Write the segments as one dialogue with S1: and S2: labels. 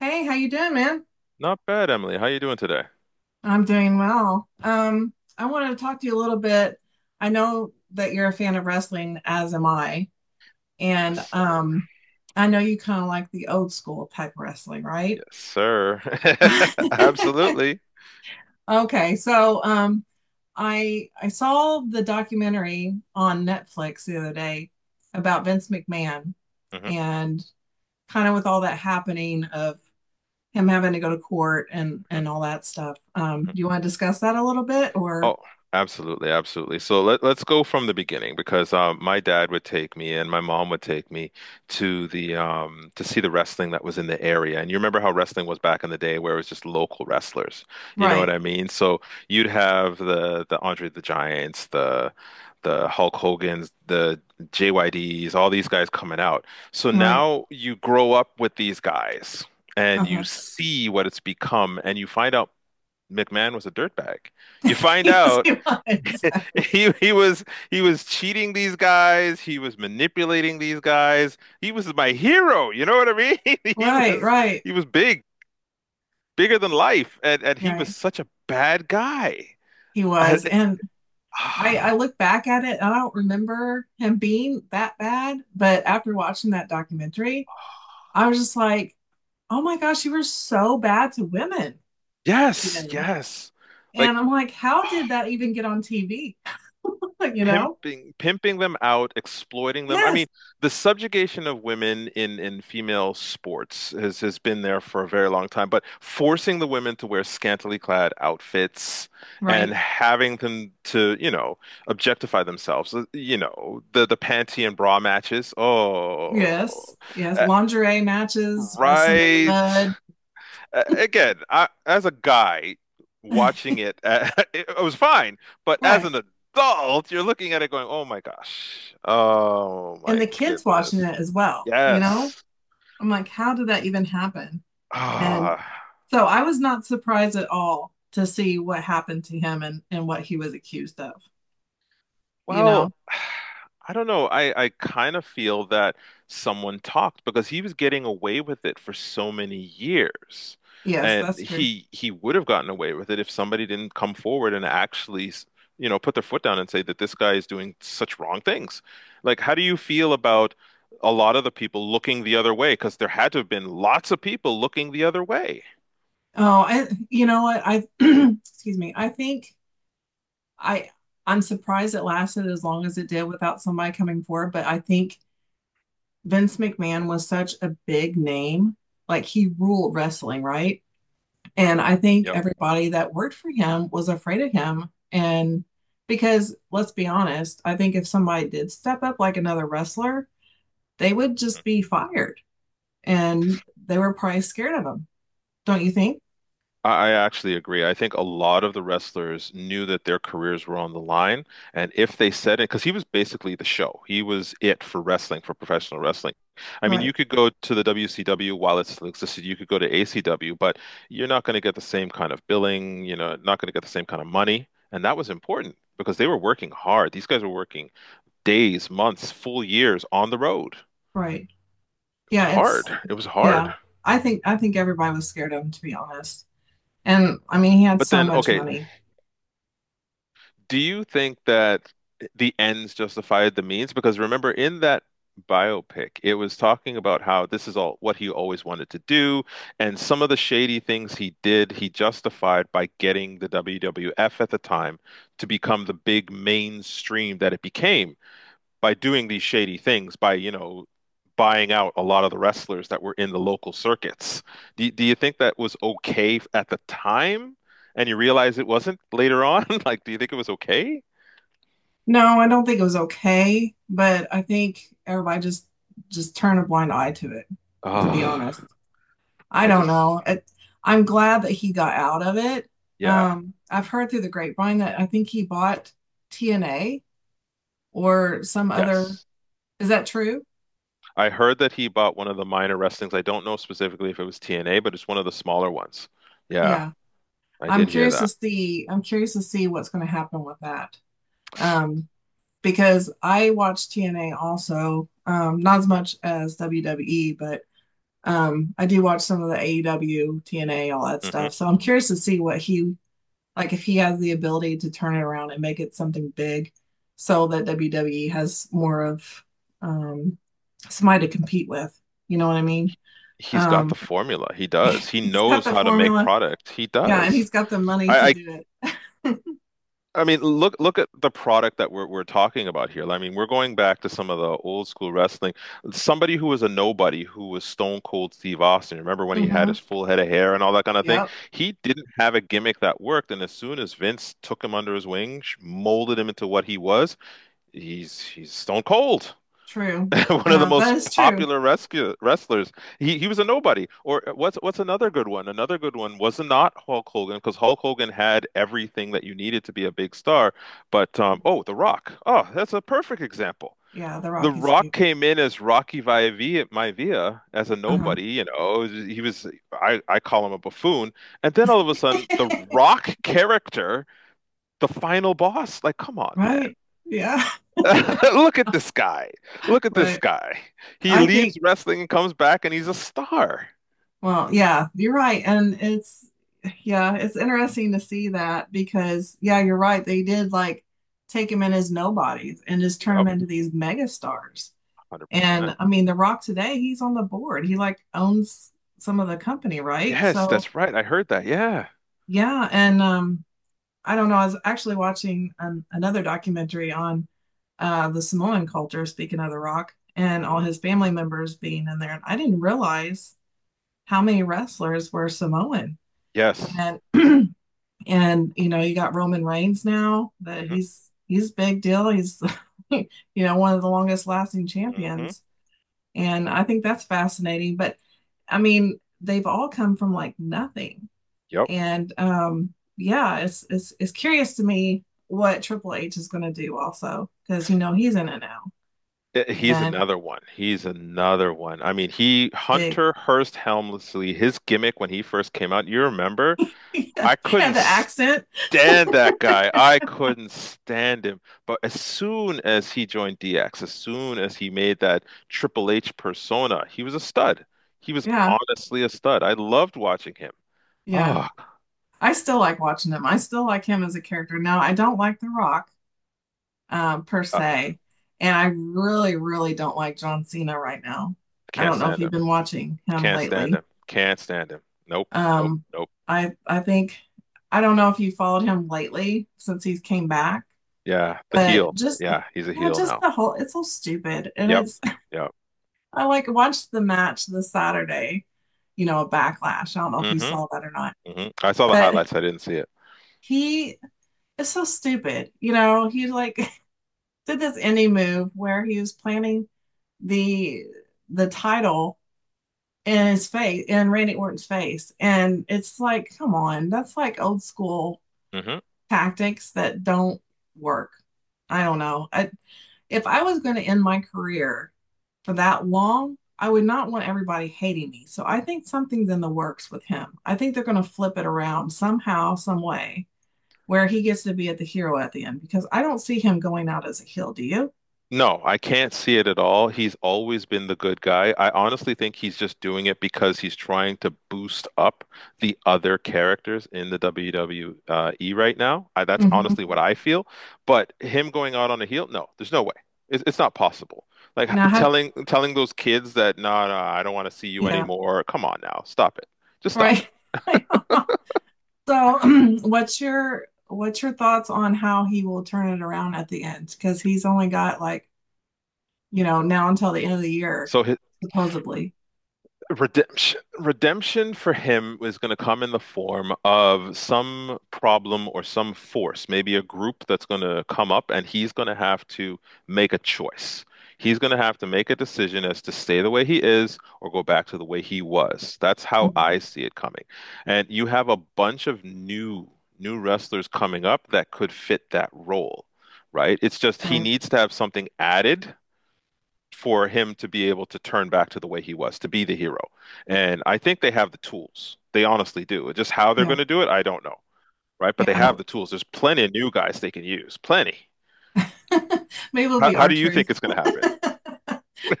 S1: Hey, how you doing, man?
S2: Not bad, Emily. How you doing today?
S1: I'm doing well. I wanted to talk to you a little bit. I know that you're a fan of wrestling, as am I, and
S2: Yes,
S1: I know you kind of like the old school type wrestling, right?
S2: yes, sir. Absolutely.
S1: Okay, so I saw the documentary on Netflix the other day about Vince McMahon
S2: Hmm
S1: and kind of with all that happening of him having to go to court and all that stuff. Do you want to discuss that a little bit or
S2: Oh, absolutely, absolutely. So let's go from the beginning because my dad would take me and my mom would take me to the to see the wrestling that was in the area. And you remember how wrestling was back in the day where it was just local wrestlers. You know what
S1: right,
S2: I mean? So you'd have the Andre the Giants, the Hulk Hogan's, the JYDs, all these guys coming out. So
S1: right.
S2: now you grow up with these guys. And you
S1: Uh-huh.
S2: see what it's become, and you find out McMahon was a dirtbag. You find
S1: Yes,
S2: out
S1: he was.
S2: he he was he was cheating these guys, he was manipulating these guys. He was my hero, you know what I mean? He
S1: Right,
S2: was
S1: right,
S2: he was big, bigger than life, and he was
S1: right.
S2: such a bad guy.
S1: He
S2: I,
S1: was. And I,
S2: I-
S1: I look back at it and I don't remember him being that bad, but after watching that documentary, I was just like, oh my gosh, you were so bad to women,
S2: yes,
S1: even.
S2: yes. Like
S1: And I'm like, how did
S2: oh,
S1: that even get on TV? you know?
S2: pimping them out, exploiting them. I mean,
S1: Yes,
S2: the subjugation of women in female sports has been there for a very long time, but forcing the women to wear scantily clad outfits and
S1: right.
S2: having them to, you know, objectify themselves. You know, the panty and bra matches. Oh.
S1: Yes, yes,
S2: Uh,
S1: lingerie matches, wrestling in the
S2: Right
S1: mud.
S2: again, I, as a guy watching it, it was fine, but as
S1: Right.
S2: an adult, you're looking at it going, "Oh my gosh, oh
S1: And
S2: my
S1: the kids watching
S2: goodness,
S1: it as well,
S2: yes."
S1: I'm like, how did that even happen? And
S2: Ah.
S1: so I was not surprised at all to see what happened to him and what he was accused of, you know?
S2: Well, I don't know. I kind of feel that someone talked because he was getting away with it for so many years.
S1: Yes,
S2: And
S1: that's true.
S2: he would have gotten away with it if somebody didn't come forward and actually, you know, put their foot down and say that this guy is doing such wrong things. Like, how do you feel about a lot of the people looking the other way? Because there had to have been lots of people looking the other way.
S1: Oh, you know what? I, excuse me. I think I, I'm surprised it lasted as long as it did without somebody coming forward, but I think Vince McMahon was such a big name. Like he ruled wrestling, right? And I think
S2: Yep.
S1: everybody that worked for him was afraid of him. And because let's be honest, I think if somebody did step up like another wrestler, they would just be fired. And they were probably scared of him. Don't you think?
S2: I actually agree. I think a lot of the wrestlers knew that their careers were on the line. And if they said it, because he was basically the show, he was it for wrestling, for professional wrestling. I mean, you
S1: Right.
S2: could go to the WCW while it still existed, you could go to ACW, but you're not going to get the same kind of billing, you know, not going to get the same kind of money. And that was important because they were working hard. These guys were working days, months, full years on the road.
S1: Right.
S2: It was
S1: Yeah, it's
S2: hard. It was hard.
S1: yeah. I think everybody was scared of him to be honest. And I mean, he had
S2: But
S1: so
S2: then,
S1: much
S2: okay,
S1: money.
S2: do you think that the ends justified the means? Because remember, in that biopic, it was talking about how this is all what he always wanted to do, and some of the shady things he did, he justified by getting the WWF at the time to become the big mainstream that it became by doing these shady things, by, you know, buying out a lot of the wrestlers that were in the local circuits. Do you think that was okay at the time and you realize it wasn't later on? Like, do you think it was okay?
S1: No, I don't think it was okay, but I think everybody just turned a blind eye to it, to be
S2: Oh,
S1: honest. I
S2: I
S1: don't
S2: just,
S1: know. It, I'm glad that he got out of it.
S2: yeah,
S1: I've heard through the grapevine that I think he bought TNA or some other.
S2: yes.
S1: Is that true?
S2: I heard that he bought one of the minor wrestlings. I don't know specifically if it was TNA, but it's one of the smaller ones. Yeah,
S1: Yeah.
S2: I
S1: I'm
S2: did hear
S1: curious to
S2: that.
S1: see. I'm curious to see what's going to happen with that. Um, because I watch TNA also, not as much as WWE, but I do watch some of the AEW, TNA, all that
S2: Hmm
S1: stuff. So I'm curious to see what he like if he has the ability to turn it around and make it something big so that WWE has more of um somebody to compete with. You know what I mean?
S2: He's got the
S1: Um,
S2: formula. He does. He
S1: he's got
S2: knows
S1: the
S2: how to make
S1: formula.
S2: product. He
S1: Yeah, and
S2: does.
S1: he's got the money
S2: I,
S1: to
S2: I
S1: do it.
S2: I mean, look at the product that we're talking about here. I mean, we're going back to some of the old school wrestling. Somebody who was a nobody, who was Stone Cold Steve Austin. Remember when he had his
S1: hmm
S2: full head of hair and all that kind of thing?
S1: Yep.
S2: He didn't have a gimmick that worked, and as soon as Vince took him under his wing, molded him into what he was, he's Stone Cold.
S1: True.
S2: One of the
S1: Yeah,
S2: most
S1: that is true.
S2: popular rescue wrestlers. He was a nobody. Or what's another good one? Another good one was not Hulk Hogan because Hulk Hogan had everything that you needed to be a big star. But oh, The Rock. Oh, that's a perfect example.
S1: Yeah, The
S2: The
S1: Rock is
S2: Rock
S1: huge.
S2: came in as Rocky Maivia, Maivia as a
S1: Uh-huh.
S2: nobody, you know. He was I call him a buffoon. And then all of a sudden, the Rock character, the final boss, like come on, man.
S1: Right. Yeah.
S2: Look at this guy. Look at this
S1: Right.
S2: guy. He
S1: I
S2: leaves
S1: think,
S2: wrestling and comes back and he's a star.
S1: well, yeah, you're right. Yeah, it's interesting to see that because, yeah, you're right. They did like take him in as nobodies and just turn
S2: Yep,
S1: him into these mega stars.
S2: 100%.
S1: And I mean, The Rock today, he's on the board. He like owns some of the company, right?
S2: Yes,
S1: So,
S2: that's right. I heard that. Yeah.
S1: yeah. And, I don't know. I was actually watching another documentary on the Samoan culture, speaking of The Rock, and all
S2: hmm
S1: his family members being in there. And I didn't realize how many wrestlers were Samoan.
S2: Yes.
S1: And and you know, you got Roman Reigns now that
S2: hmm
S1: he's big deal. He's you know one of the longest lasting
S2: hmm
S1: champions, and I think that's fascinating. But I mean, they've all come from like nothing
S2: Yep.
S1: and it's curious to me what Triple H is going to do also because you know he's in it now
S2: Eh, he's
S1: and
S2: another one. He's another one. I mean, he,
S1: big
S2: Hunter Hearst Helmsley, his gimmick when he first came out, you remember? I couldn't
S1: and the accent.
S2: stand that guy. I couldn't stand him. But as soon as he joined DX, as soon as he made that Triple H persona, he was a stud. He was
S1: Yeah,
S2: honestly a stud. I loved watching him.
S1: yeah.
S2: Oh,
S1: I still like watching him. I still like him as a character. Now I don't like The Rock per
S2: I
S1: se, and I really really don't like John Cena right now. I
S2: can't
S1: don't know if
S2: stand
S1: you've
S2: him.
S1: been watching him
S2: Can't stand
S1: lately.
S2: him. Can't stand him. Nope. Nope.
S1: Um,
S2: Nope.
S1: I I think I don't know if you followed him lately since he's came back.
S2: Yeah, the
S1: But
S2: heel.
S1: just
S2: Yeah, he's a
S1: yeah,
S2: heel
S1: just
S2: now.
S1: the whole it's so stupid. And
S2: Yep.
S1: it's
S2: Yep.
S1: I like watched the match this Saturday, you know, a backlash. I don't know if you
S2: hmm
S1: saw that or not.
S2: hmm I saw the
S1: But
S2: highlights. I didn't see it.
S1: he is so stupid. You know, he like did this indie move where he was planning the the title in his face in Randy Orton's face. And it's like, come on, that's like old school
S2: Hmm
S1: tactics that don't work. I don't know. I, if I was going to end my career for that long, I would not want everybody hating me. So I think something's in the works with him. I think they're going to flip it around somehow, some way, where he gets to be at the hero at the end because I don't see him going out as a heel. Do you?
S2: No, I can't see it at all. He's always been the good guy. I honestly think he's just doing it because he's trying to boost up the other characters in the WWE right now. I, that's
S1: Mm-hmm.
S2: honestly what I feel. But him going out on a heel, no, there's no way. It's not possible. Like
S1: Now, how?
S2: telling those kids that no, no, I don't want to see you
S1: Yeah,
S2: anymore. Come on now, stop it. Just stop it.
S1: right. so, what's your thoughts on how he will turn it around at the end? Because he's only got like you know, now until the end of the year,
S2: So hi-
S1: supposedly.
S2: redemption for him was going to come in the form of some problem or some force, maybe a group that's going to come up, and he's going to have to make a choice. He's going to have to make a decision as to stay the way he is or go back to the way he was. That's how
S1: Mhm.
S2: I see it coming. And you have a bunch of new wrestlers coming up that could fit that role, right? It's just he
S1: Right.
S2: needs to have something added for him to be able to turn back to the way he was, to be the hero. And I think they have the tools. They honestly do. Just how they're
S1: Yeah.
S2: going to do it, I don't know, right? But
S1: Yeah.
S2: they
S1: I
S2: have
S1: don't.
S2: the tools. There's plenty of new guys they can use. Plenty.
S1: Maybe it'll
S2: How,
S1: be
S2: how
S1: our
S2: do you
S1: truth.
S2: think it's going to
S1: Maybe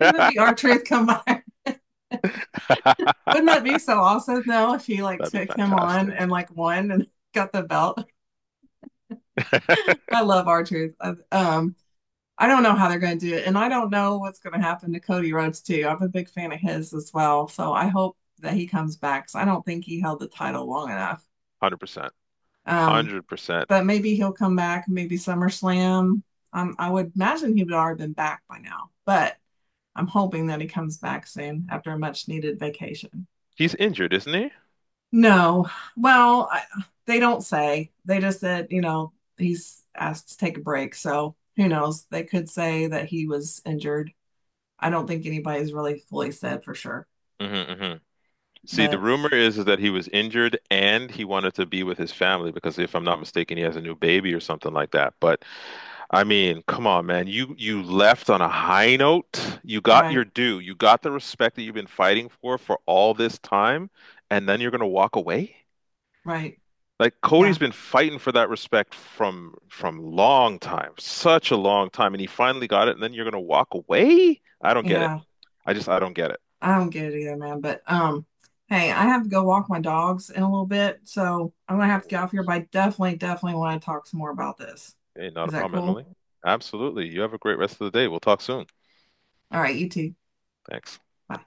S1: it'll be our truth come by. Wouldn't that be so awesome though if he like
S2: That'd be
S1: took him on
S2: fantastic.
S1: and like won and got the belt? I love R Truth. Um, I don't know how they're going to do it, and I don't know what's going to happen to Cody Rhodes too. I'm a big fan of his as well, so I hope that he comes back. So I don't think he held the title long enough.
S2: 100%.
S1: Um,
S2: 100%.
S1: but maybe he'll come back. Maybe SummerSlam. I would imagine he would already been back by now, but I'm hoping that he comes back soon after a much needed vacation.
S2: He's injured, isn't he?
S1: No. Well, I, they don't say. They just said, you know, he's asked to take a break. So who knows? They could say that he was injured. I don't think anybody's really fully said for sure.
S2: Hmm hmm See, the
S1: But
S2: rumor is that he was injured and he wanted to be with his family because if I'm not mistaken, he has a new baby or something like that. But I mean, come on, man. You left on a high note. You got
S1: right,
S2: your due. You got the respect that you've been fighting for all this time, and then you're gonna walk away?
S1: right.
S2: Like Cody's
S1: Yeah.
S2: been fighting for that respect from long time, such a long time, and he finally got it, and then you're gonna walk away? I don't get it.
S1: Yeah.
S2: I don't get it.
S1: I don't get it either, man. But hey, I have to go walk my dogs in a little bit. So I'm gonna
S2: No
S1: have to get off here, but
S2: worries.
S1: I definitely, definitely want to talk some more about this.
S2: Hey, not a
S1: Is that
S2: problem, Emily.
S1: cool?
S2: Absolutely. You have a great rest of the day. We'll talk soon.
S1: All right, you too.
S2: Thanks.
S1: Bye.